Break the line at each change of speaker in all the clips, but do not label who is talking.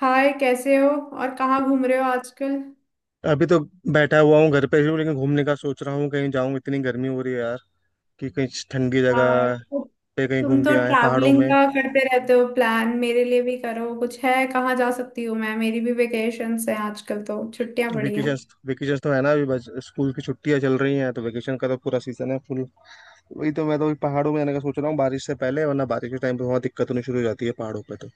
हाय, कैसे हो और कहाँ घूम रहे हो आजकल।
अभी तो बैठा हुआ हूँ घर पे ही हूँ। लेकिन घूमने का सोच रहा हूँ कहीं जाऊँ, इतनी गर्मी हो रही है यार कि कहीं ठंडी
यार,
जगह
तो
पे कहीं
तुम
घूम
तो
के आए पहाड़ों
ट्रैवलिंग
में।
का करते रहते हो, प्लान मेरे लिए भी करो कुछ। है कहाँ जा सकती हूँ मैं? मेरी भी वेकेशंस हैं आजकल, तो छुट्टियां पड़ी हैं।
वेकेशन वेकेशन तो है ना, अभी बस स्कूल की छुट्टियां चल रही हैं, तो वेकेशन का तो पूरा सीजन है फुल। वही तो, मैं तो अभी पहाड़ों में जाने का सोच रहा हूँ बारिश से पहले, वरना बारिश के टाइम पे बहुत दिक्कत होनी शुरू हो जाती है पहाड़ों पे तो।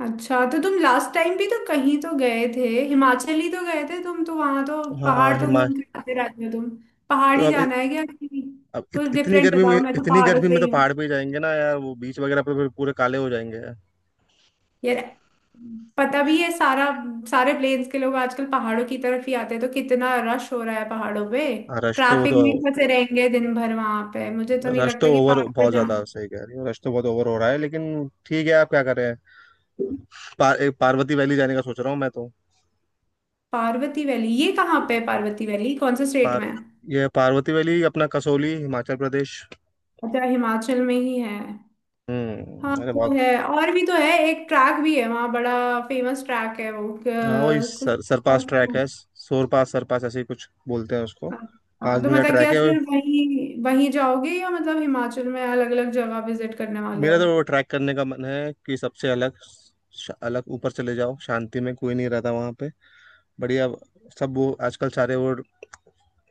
अच्छा, तो तुम लास्ट टाइम भी तो कहीं तो गए थे, हिमाचल ही तो गए थे तुम तो। वहां तो
हाँ,
पहाड़ तो घूम
हिमाचल।
के आते रहते हो तुम।
तो
पहाड़ ही
अब
जाना है क्या?
अब
कुछ
इतनी
डिफरेंट
गर्मी में
बताओ, मैं तो पहाड़ों से
तो
ही
पहाड़
हूँ।
पे ही जाएंगे ना यार। वो बीच वगैरह पे तो फिर पूरे काले हो जाएंगे यार।
यार, पता भी है सारा। सारे प्लेन्स के लोग आजकल पहाड़ों की तरफ ही आते हैं, तो कितना रश हो रहा है पहाड़ों पे।
हाँ, रश तो वो
ट्रैफिक
तो,
में फंसे रहेंगे दिन भर वहां पे, मुझे तो नहीं
रश तो
लगता। कि
ओवर,
पार्वती,
बहुत ज्यादा सही कह रही हो, रश तो बहुत ओवर हो रहा है, लेकिन ठीक है, आप क्या करें। एक पार्वती वैली जाने का सोच रहा हूँ मैं तो।
पार्वती वैली ये कहाँ पे है? पार्वती वैली कौन से स्टेट
पार
में है?
ये पार्वती वैली अपना कसौली, हिमाचल प्रदेश।
अच्छा, हिमाचल में ही है। हाँ
हम्म, अरे
तो
बहुत।
है, और भी तो है, एक ट्रैक भी है वहाँ बड़ा फेमस ट्रैक है वो,
हाँ, वही
कुछ।
सरपास ट्रैक है, सोरपास सरपास ऐसे ही कुछ बोलते हैं उसको। पाँच
हाँ, तो
दिन का
मतलब
ट्रैक
क्या
है, और
सिर्फ वही वही जाओगे या मतलब हिमाचल में अलग अलग जगह विजिट करने वाले
मेरा
हो?
तो वो ट्रैक करने का मन है कि सबसे अलग, अलग ऊपर चले जाओ, शांति में, कोई नहीं रहता वहाँ पे। बढ़िया, सब वो आजकल सारे वो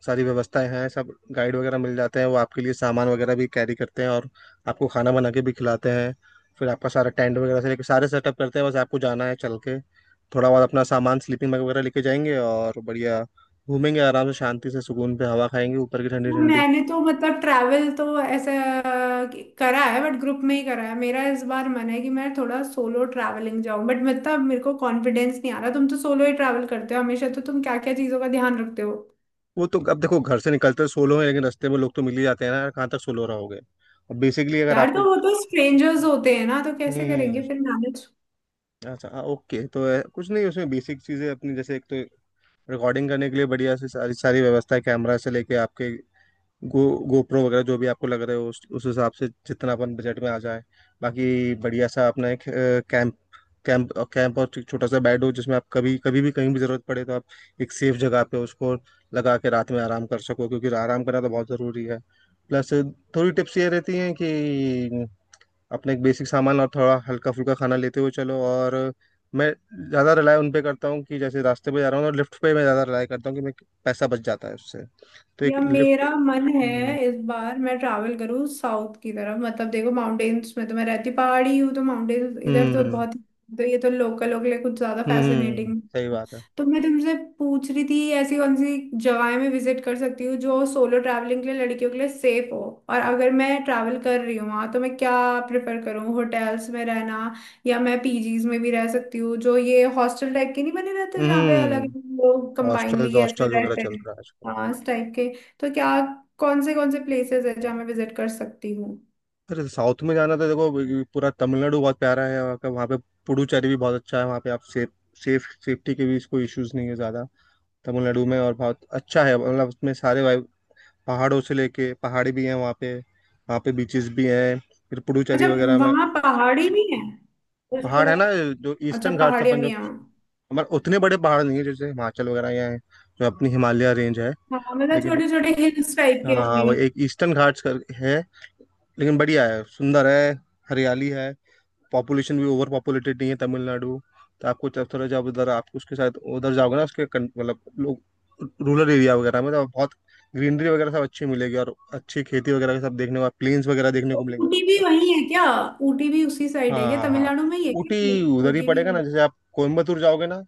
सारी व्यवस्थाएं हैं, सब गाइड वगैरह मिल जाते हैं, वो आपके लिए सामान वगैरह भी कैरी करते हैं, और आपको खाना बना के भी खिलाते हैं। फिर आपका सारा टेंट वगैरह से लेके सारे सेटअप करते हैं, बस आपको जाना है चल के। थोड़ा बहुत अपना सामान, स्लीपिंग बैग वगैरह लेके जाएंगे, और बढ़िया घूमेंगे आराम से, शांति से, सुकून पे, हवा खाएंगे ऊपर की ठंडी ठंडी।
मैंने तो मतलब ट्रैवल तो ऐसा करा है, बट ग्रुप में ही करा है। मेरा इस बार मन है कि मैं थोड़ा सोलो ट्रैवलिंग जाऊं, बट मतलब मेरे को कॉन्फिडेंस नहीं आ रहा। तुम तो सोलो ही ट्रैवल करते हो हमेशा, तो तुम क्या क्या चीजों का ध्यान रखते हो?
वो तो अब देखो, घर से निकलते हैं सोलो हैं, लेकिन रास्ते में लोग तो मिल ही जाते हैं ना यार, कहाँ तक सोलो रहोगे। और बेसिकली अगर
यार
आपको,
तो वो तो स्ट्रेंजर्स होते हैं ना, तो
हम्म।
कैसे करेंगे फिर मैनेज?
अच्छा। हाँ, ओके, तो कुछ नहीं, उसमें बेसिक चीज़ें अपनी, जैसे एक तो रिकॉर्डिंग करने के लिए बढ़िया से सारी सारी व्यवस्था है, कैमरा से लेके आपके गो गोप्रो वगैरह जो भी आपको लग रहे हो, उस हिसाब से जितना अपन बजट में आ जाए। बाकी बढ़िया सा अपना एक कैंप कैंप कैंप, और एक छोटा सा बेड हो जिसमें आप कभी कभी भी कहीं भी ज़रूरत पड़े तो आप एक सेफ जगह पे उसको लगा के रात में आराम कर सको, क्योंकि आराम करना तो बहुत ज़रूरी है। प्लस, थोड़ी टिप्स ये रहती हैं कि अपना एक बेसिक सामान और थोड़ा हल्का फुल्का खाना लेते हुए चलो, और मैं ज़्यादा रिलाय उन पे करता हूँ कि जैसे रास्ते पे जा रहा हूँ, और लिफ्ट पे मैं ज़्यादा रिलाय करता हूँ कि मैं, पैसा बच जाता है उससे, तो एक
या
लिफ्ट।
मेरा मन है
हम्म
इस बार मैं ट्रैवल करूँ साउथ की तरफ। मतलब देखो, माउंटेन्स में तो मैं रहती पहाड़ी हूँ, तो माउंटेन्स इधर तो
हम्म
बहुत। तो ये तो लोकल लोग के लिए कुछ ज्यादा फैसिनेटिंग।
सही बात है।
तो मैं तुमसे पूछ रही थी ऐसी कौन सी जगहें मैं विजिट कर सकती हूँ जो सोलो ट्रैवलिंग के लिए, लड़कियों के लिए सेफ हो। और अगर मैं ट्रैवल कर रही हूँ वहाँ, तो मैं क्या प्रेफर करूँ, होटल्स में रहना या मैं पीजीज में भी रह सकती हूँ, जो ये हॉस्टल टाइप के नहीं बने रहते जहाँ पे अलग
हम्म।
लोग
हॉस्टल्स
कंबाइनली ऐसे
हॉस्टल्स वगैरह
रहते
चल
हैं।
रहा है आजकल।
हाँ, इस टाइप के। तो क्या कौन से प्लेसेस है जहाँ मैं विजिट कर सकती हूँ?
अरे साउथ में जाना तो देखो, ये पूरा तमिलनाडु बहुत प्यारा है, वहाँ का, वहाँ पे पुडुचेरी भी बहुत अच्छा है, वहाँ पे आप सेफ सेफ सेफ्टी के भी इसको इश्यूज नहीं है ज़्यादा तमिलनाडु में। और बहुत अच्छा है, मतलब उसमें सारे पहाड़ों से लेके पहाड़ी भी हैं वहाँ पे, वहाँ पे बीचेस भी हैं फिर पुडुचेरी
अच्छा,
वगैरह में।
वहाँ पहाड़ी भी है? उसके
पहाड़ है ना
अलावा-
जो
अच्छा,
ईस्टर्न घाट्स
पहाड़ियाँ
अपन जो,
भी हैं।
हमारे उतने बड़े पहाड़ नहीं है जैसे हिमाचल वगैरह यहाँ है, जो अपनी हिमालय रेंज है।
हाँ, मतलब
लेकिन
छोटे छोटे हिल्स टाइप के
हाँ,
होंगे।
वो एक ईस्टर्न घाट्स कर है, लेकिन बढ़िया है, सुंदर है, हरियाली है, पॉपुलेशन भी ओवर पॉपुलेटेड नहीं है तमिलनाडु। तो आपको जब थोड़ा, जब उधर आप उसके साथ उधर जाओगे ना, उसके मतलब लोग, रूरल एरिया वगैरह में तो बहुत ग्रीनरी वगैरह सब अच्छी मिलेगी, और अच्छी खेती वगैरह सब देखने को, प्लेन्स वगैरह देखने
तो
को मिलेंगे।
ऊटी भी वही है क्या? ऊटी भी उसी
हाँ
साइड है क्या?
हाँ हाँ।
तमिलनाडु में ही है क्या
ऊटी उधर ही
ऊटी भी
पड़ेगा ना,
वही?
जैसे आप कोयम्बतूर जाओगे ना,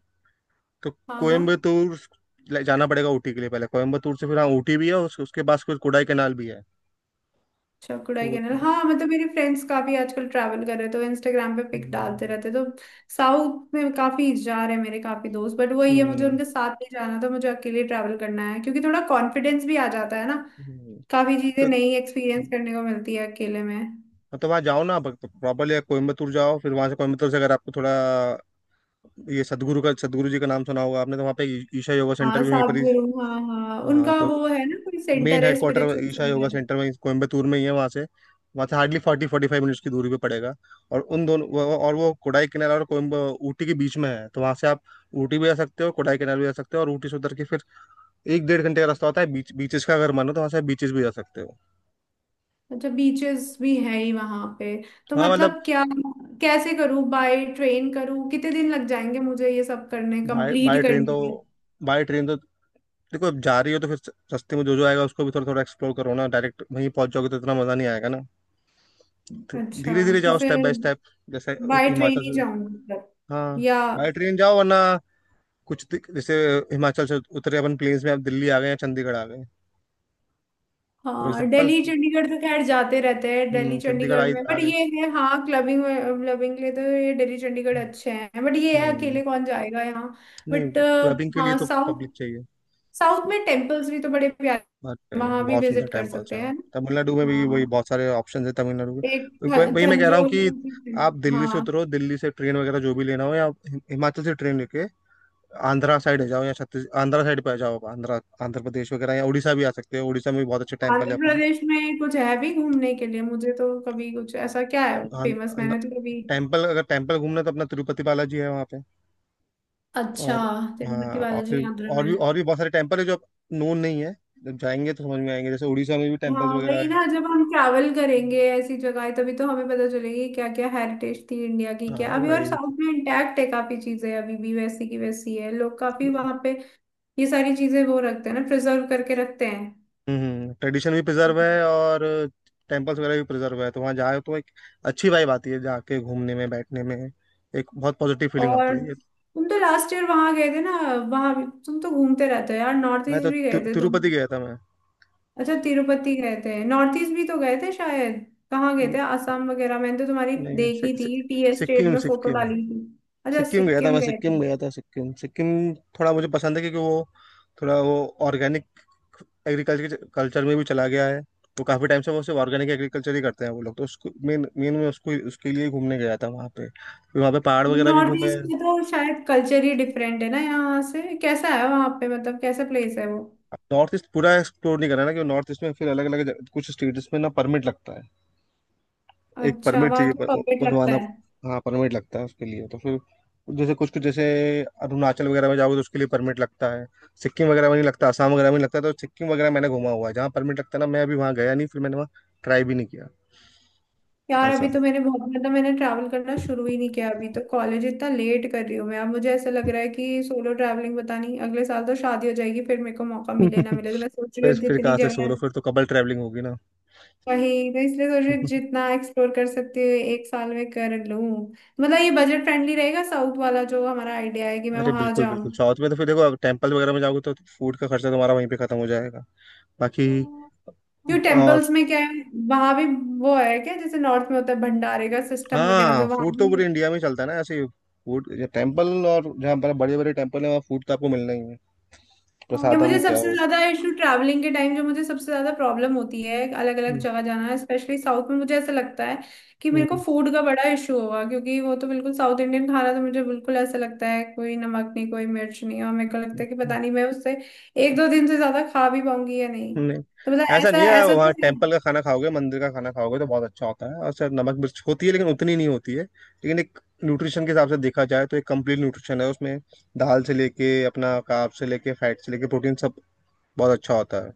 तो
हाँ हाँ।
कोयम्बतूर जाना पड़ेगा ऊटी के लिए पहले, कोयम्बतूर से। फिर हाँ ऊटी भी है, उसके पास कुछ कोडाई कैनाल भी है।
अच्छा कुडाई
तो
कैनाल। हाँ मतलब मेरे फ्रेंड्स काफी आजकल ट्रैवल कर रहे हैं तो इंस्टाग्राम पे पिक डालते
हम्म,
रहते, तो साउथ में काफी जा रहे हैं मेरे काफी दोस्त। बट वही है, मुझे
हम्म,
उनके साथ नहीं जाना था, मुझे अकेले ट्रैवल करना है, क्योंकि थोड़ा कॉन्फिडेंस भी आ जाता है ना।
हम्म,
काफी चीजें
तो
नई एक्सपीरियंस करने को मिलती है अकेले में।
मतलब वहाँ जाओ ना प्रॉपरली, कोयम्बतूर जाओ, फिर वहाँ से कोयम्बतूर से अगर आपको थोड़ा, ये सदगुरु का, सदगुरु जी का नाम सुना होगा आपने, तो वहाँ पे ईशा योगा सेंटर
हाँ
भी वहीं पर ही।
साबजेरू, हाँ हाँ,
हाँ,
उनका
तो
वो है ना, कोई
मेन
सेंटर है
headquarter
spiritual
Isha yoga
centre.
Centre में कोयम्बतूर में ही है, वहाँ से, वहाँ से hardly forty forty five minutes की दूरी पे पड़ेगा। और उन दोनों और वो कोडाई कैनाल और कोयम्ब ऊटी के बीच में है, तो वहाँ से आप ऊटी भी जा सकते हो, कोडाई कैनाल भी जा सकते हो, और ऊटी से उतर के फिर एक डेढ़ घंटे का रास्ता होता है बीच, बीचेस का। अगर मन हो तो वहाँ से आप बीचेस भी जा सकते हो।
अच्छा, बीचेस भी है ही वहां पे। तो
हाँ मतलब,
मतलब क्या कैसे करूँ, बाय ट्रेन करूँ? कितने दिन लग जाएंगे मुझे ये सब करने,
बाय बाय
कंप्लीट
ट्रेन तो,
करने में?
बाय ट्रेन तो देखो, अब जा रही हो तो फिर सस्ते में जो जो आएगा उसको भी थोड़ा थोड़ा एक्सप्लोर करो ना, डायरेक्ट वहीं पहुंच जाओगे तो इतना मजा नहीं आएगा ना। धीरे
अच्छा।
धीरे
तो
जाओ, स्टेप
फिर
बाय स्टेप, जैसे
बाय ट्रेन
हिमाचल
ही
से।
जाऊंगी मतलब,
हाँ,
या?
बाय ट्रेन जाओ, वरना कुछ जैसे हिमाचल से उतरे अपन प्लेन्स में, अब दिल्ली आ गए या चंडीगढ़ आ गए। फॉर
हाँ,
एग्जाम्पल,
दिल्ली चंडीगढ़ तो खैर जाते रहते हैं, दिल्ली
हम्म, चंडीगढ़
चंडीगढ़ में।
आ
बट
गए।
ये है, हाँ, क्लबिंग, क्लबिंग के लिए तो ये दिल्ली चंडीगढ़ अच्छे हैं, बट ये है
हम्म।
अकेले कौन जाएगा यहाँ। बट
नहीं, क्लबिंग के लिए
हाँ,
तो
साउथ,
पब्लिक चाहिए।
साउथ में टेम्पल्स भी तो बड़े प्यारे हैं,
बट
वहाँ भी
बहुत सुंदर
विजिट कर
टेम्पल्स
सकते
हैं
हैं।
तमिलनाडु में भी, वही
हाँ,
बहुत सारे ऑप्शन है तमिलनाडु में,
एक
तो वही वही मैं कह रहा हूँ
थंजौर
कि
की-
आप दिल्ली से
हाँ।
उतरो, दिल्ली से ट्रेन वगैरह जो भी लेना हो, या हिमाचल से ट्रेन लेके आंध्रा साइड आ जाओ, या छत्तीस आंध्रा साइड पे आ जाओ आप, आंध्रा आंध्र प्रदेश वगैरह, या उड़ीसा भी आ सकते हो, उड़ीसा में भी बहुत अच्छे टेम्पल
आंध्र
है अपने।
प्रदेश में कुछ है भी घूमने के लिए? मुझे तो कभी कुछ ऐसा, क्या है
हाँ,
फेमस,
अंद-
मैंने तो कभी।
टेम्पल, अगर टेम्पल घूमना है तो अपना तिरुपति बालाजी है वहाँ पे।
अच्छा,
और
तिरुपति
हाँ, और
बालाजी
फिर
आंध्र
और
में।
भी, और भी बहुत सारे टेम्पल है जो नोन नहीं है, जब जाएंगे तो समझ में आएंगे, जैसे उड़ीसा में भी टेम्पल्स
हाँ
वगैरह
वही
है।
ना, जब हम ट्रैवल करेंगे ऐसी जगह तभी तो हमें पता चलेगी क्या क्या हेरिटेज थी इंडिया की।
हाँ,
क्या अभी और
वही
साउथ में इंटैक्ट है, काफी चीजें अभी भी वैसी की वैसी है, लोग काफी
वही।
वहां पे ये सारी चीजें वो रखते हैं ना, प्रिजर्व करके रखते हैं।
हम्म, ट्रेडिशन भी प्रिजर्व
हम्म।
है, और टेम्पल्स वगैरह भी प्रिजर्व है, तो वहाँ जाए तो एक अच्छी वाइब आती है, जाके घूमने में, बैठने में, एक बहुत पॉजिटिव फीलिंग आती
और
है ये।
तुम तो लास्ट ईयर वहां गए थे ना, वहां भी तुम तो घूमते रहते हो यार। नॉर्थ
मैं
ईस्ट
तो
भी गए थे तुम?
तिरुपति गया था मैं।
अच्छा, तिरुपति गए थे। नॉर्थ ईस्ट भी तो गए थे शायद, कहाँ गए थे,
न-
आसाम वगैरह? मैंने तो तुम्हारी
नहीं, सि,
देखी
सि,
थी, टी एस्टेट
सिक्किम
में फोटो
सिक्किम।
डाली थी। अच्छा,
सिक्किम गया था
सिक्किम
मैं,
गए।
सिक्किम गया था, सिक्किम सिक्किम थोड़ा मुझे पसंद है, क्योंकि वो थोड़ा वो ऑर्गेनिक एग्रीकल्चर कल्चर में भी चला गया है। तो काफी टाइम से वो सिर्फ ऑर्गेनिक एग्रीकल्चर ही करते हैं वो लोग, तो उसको मेन मेन में उसको, उसके लिए ही घूमने गया था वहाँ पे। फिर वहाँ पे पहाड़ वगैरह भी
नॉर्थ
घूमे।
ईस्ट में तो शायद कल्चर ही डिफरेंट है ना यहाँ से, कैसा है वहाँ पे, मतलब कैसा प्लेस है वो?
नॉर्थ ईस्ट पूरा एक्सप्लोर नहीं करा ना, क्योंकि नॉर्थ ईस्ट में फिर अलग अलग कुछ स्टेट्स में ना परमिट लगता है। एक
अच्छा,
परमिट
वहाँ
चाहिए
तो परफेक्ट लगता
बनवाना।
है।
हाँ, परमिट लगता है उसके लिए, तो फिर जैसे कुछ कुछ जैसे अरुणाचल वगैरह में जाओगे तो उसके लिए परमिट लगता है, सिक्किम वगैरह में नहीं लगता, आसाम वगैरह में नहीं लगता। तो सिक्किम वगैरह मैंने घुमा हुआ है, जहाँ परमिट लगता है ना मैं अभी वहाँ गया नहीं, फिर मैंने वहाँ ट्राई भी नहीं किया।
यार अभी
ऐसा
तो मैंने बहुत, मतलब मैंने ट्रैवल करना शुरू ही नहीं किया अभी तो, कॉलेज इतना लेट कर रही हूँ मैं। अब मुझे ऐसा लग रहा है कि सोलो ट्रैवलिंग, पता नहीं, अगले साल तो शादी हो जाएगी, फिर मेरे को मौका मिले ना मिले, तो मैं सोच रही हूँ
फिर
जितनी
कहाँ से सोलो,
जगह।
फिर तो कबल ट्रैवलिंग होगी ना।
वही तो, इसलिए सोच रही हूँ जितना एक्सप्लोर कर सकती हूँ एक साल में कर लूँ। मतलब ये बजट फ्रेंडली रहेगा, साउथ वाला जो हमारा आइडिया है कि मैं
अरे
वहां
बिल्कुल
जाऊँ?
बिल्कुल, साउथ में तो फिर देखो, टेम्पल वगैरह में जाओगे तो फूड का खर्चा तुम्हारा वहीं पे खत्म हो जाएगा बाकी।
क्यों,
और
टेम्पल्स में क्या है? वहां भी वो है क्या, जैसे नॉर्थ में होता है भंडारे का सिस्टम वगैरह,
हाँ,
तो
फूड
वहां
तो
भी
पूरे
है?
इंडिया में चलता है ना ऐसे, फूड टेम्पल, और जहाँ पर बड़े बड़े टेम्पल है वहाँ फूड तो आपको मिलना ही है,
या
प्रसादम
मुझे
क्या
सबसे
हो।
ज्यादा इशू ट्रैवलिंग के टाइम, जो मुझे सबसे ज्यादा प्रॉब्लम होती है अलग अलग
हम्म,
जगह जाना, स्पेशली साउथ में मुझे ऐसा लगता है कि मेरे को
हम्म,
फूड का बड़ा इशू हुआ, क्योंकि वो तो बिल्कुल साउथ इंडियन खाना, तो मुझे बिल्कुल ऐसा लगता है कोई नमक नहीं, कोई मिर्च नहीं। और मेरे को लगता है कि
हम्म,
पता नहीं मैं उससे एक दो दिन से ज्यादा खा भी पाऊंगी या नहीं,
नहीं,
तो मतलब
ऐसा
ऐसा
नहीं है।
ऐसा
वहाँ
तो है।
टेम्पल का खाना खाओगे, मंदिर का खाना खाओगे तो बहुत अच्छा होता है। और सर, नमक मिर्च होती है, लेकिन उतनी नहीं होती है, लेकिन एक न्यूट्रिशन के हिसाब से देखा जाए तो एक कंप्लीट न्यूट्रिशन है उसमें, दाल से लेके अपना कार्ब से लेके फैट से लेके प्रोटीन सब, बहुत अच्छा होता है।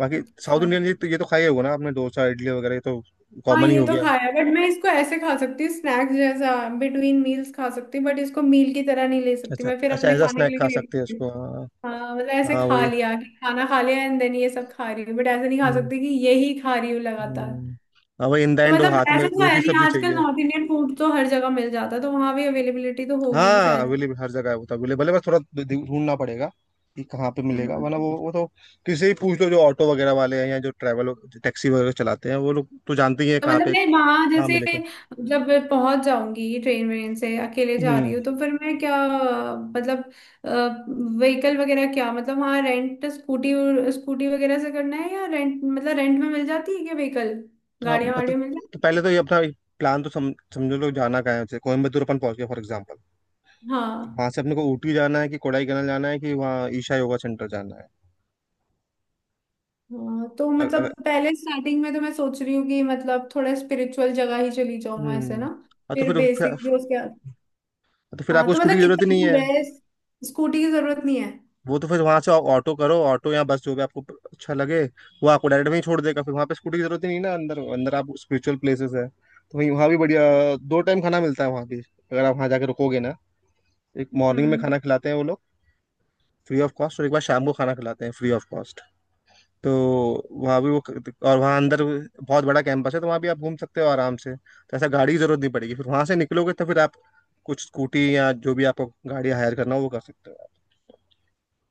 बाकी साउथ
अच्छा,
इंडियन, ये तो खाई होगा ना आपने, डोसा इडली वगैरह ये तो
हाँ,
कॉमन ही
ये
हो
तो
गया।
खाया, बट मैं इसको ऐसे खा सकती हूँ स्नैक्स जैसा, बिटवीन मील्स खा सकती हूँ, बट इसको मील की तरह नहीं ले सकती
अच्छा,
मैं, फिर
अच्छा,
अपने
एज अ
खाने के
स्नैक
लिए
खा
crave
सकते हैं
करती हूँ।
उसको, हाँ।
हाँ मतलब ऐसे
हाँ,
खा
वही।
लिया कि खाना खा लिया एंड देन ये सब खा रही हूँ, बट ऐसे नहीं खा
हम्म,
सकती कि यही खा रही हूँ लगातार।
हम्म। हाँ, वही इन द
तो
एंड वो
मतलब
हाथ में
ऐसे तो है
रोटी
नहीं,
सब्जी
आजकल
चाहिए।
नॉर्थ इंडियन फूड तो हर जगह मिल जाता है, तो वहां भी अवेलेबिलिटी तो होगी ही
हाँ,
शायद।
अवेलेबल हर जगह है, वो तो अवेलेबल है, बस थोड़ा ढूंढना पड़ेगा कि कहाँ पे मिलेगा,
हम्म।
वरना वो तो किसी से ही पूछ लो, जो ऑटो वगैरह वाले हैं, या जो ट्रैवल टैक्सी वगैरह चलाते हैं, वो लोग तो जानते ही हैं
तो
कहाँ
मतलब
पे
मैं वहां
कहाँ
जैसे
मिलेगा।
जब मैं पहुंच जाऊंगी ट्रेन वेन से, अकेले जा
हम्म।
रही हूँ, तो फिर मैं क्या, मतलब व्हीकल वगैरह क्या, मतलब वहां रेंट स्कूटी, स्कूटी वगैरह से करना है, या रेंट मतलब रेंट में मिल जाती है क्या व्हीकल,
हाँ
गाड़ियां
मतलब,
वाड़ियां मिल
तो
जाती
पहले
हैं?
तो ये अपना प्लान तो समझो लोग, जाना कहाँ है, जैसे कोयम्बतूर अपन पहुंच गए फॉर एग्जाम्पल,
हाँ
वहां से अपने को ऊटी जाना है, कि कोडाईकनाल जाना है, कि वहाँ ईशा योगा सेंटर जाना है।
हाँ, तो
अ-
मतलब पहले स्टार्टिंग में तो मैं सोच रही हूँ कि मतलब थोड़ा स्पिरिचुअल जगह ही चली जाऊँ ऐसे
हम्म।
ना,
हाँ, तो
फिर
फिर
बेसिक भी उसके बाद।
तो फिर
हाँ
आपको
तो
स्कूटी
मतलब
की जरूरत ही
कितना
नहीं
दूर
है।
है? स्कूटी की जरूरत नहीं है?
वो तो फिर वहां से ऑटो करो, ऑटो या बस जो भी आपको अच्छा लगे, वो आपको डायरेक्ट वहीं छोड़ देगा। फिर वहां पे स्कूटी की जरूरत ही नहीं ना, अंदर अंदर आप स्पिरिचुअल प्लेसेस है तो वहीं, वहाँ भी बढ़िया। दो टाइम खाना मिलता है वहाँ भी, अगर आप वहाँ जाके रुकोगे ना, एक मॉर्निंग में
हम्म।
खाना खिलाते हैं वो लोग फ्री ऑफ कॉस्ट, और एक बार शाम को खाना खिलाते हैं फ्री ऑफ कॉस्ट। तो वहाँ भी वो, और वहाँ अंदर बहुत बड़ा कैंपस है, तो वहाँ भी आप घूम सकते हो आराम से, तो ऐसा गाड़ी की जरूरत नहीं पड़ेगी। फिर वहाँ से निकलोगे तो फिर आप कुछ स्कूटी या जो भी आपको गाड़ी हायर करना हो वो कर सकते हो आप।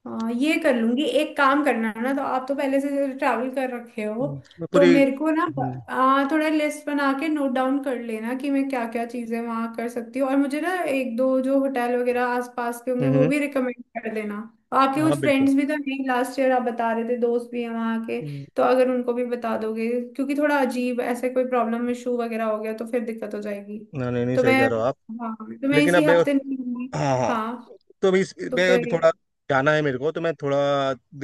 हाँ, ये कर लूंगी। एक काम करना ना, तो आप तो पहले से ट्रैवल कर रखे हो,
मैं
तो
पूरी।
मेरे को ना
हम्म।
थोड़ा लिस्ट बना के नोट डाउन कर लेना कि मैं क्या क्या चीजें वहां कर सकती हूँ। और मुझे ना एक दो जो होटल वगैरह आसपास के होंगे
हम्म,
वो
हम्म।
भी रिकमेंड कर देना। आपके
हाँ,
कुछ
बिल्कुल।
फ्रेंड्स भी तो नहीं, लास्ट ईयर आप बता रहे थे, दोस्त भी हैं वहाँ के,
हम्म,
तो अगर उनको भी बता दोगे, क्योंकि थोड़ा अजीब ऐसे कोई प्रॉब्लम इशू वगैरह हो गया तो फिर दिक्कत हो जाएगी।
ना नहीं नहीं,
तो
सही
मैं,
कह रहे हो आप।
हाँ, तो मैं
लेकिन अब
इसी
मैं,
हफ्ते निकलूंगी।
हाँ हाँ,
हाँ
तो अभी
तो
मैं अभी
फिर
थोड़ा जाना है मेरे को, तो मैं थोड़ा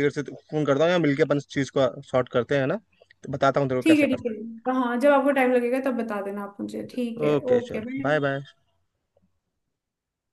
देर से फोन करता हूँ, या मिलके अपन इस चीज़ को शॉर्ट करते हैं ना, तो बताता हूँ तेरे को
ठीक
कैसे
है, ठीक
करता
है। हाँ, जब आपको टाइम लगेगा तब बता देना आप मुझे,
है।
ठीक है,
ओके
ओके,
चलो,
बाय।
Bye bye.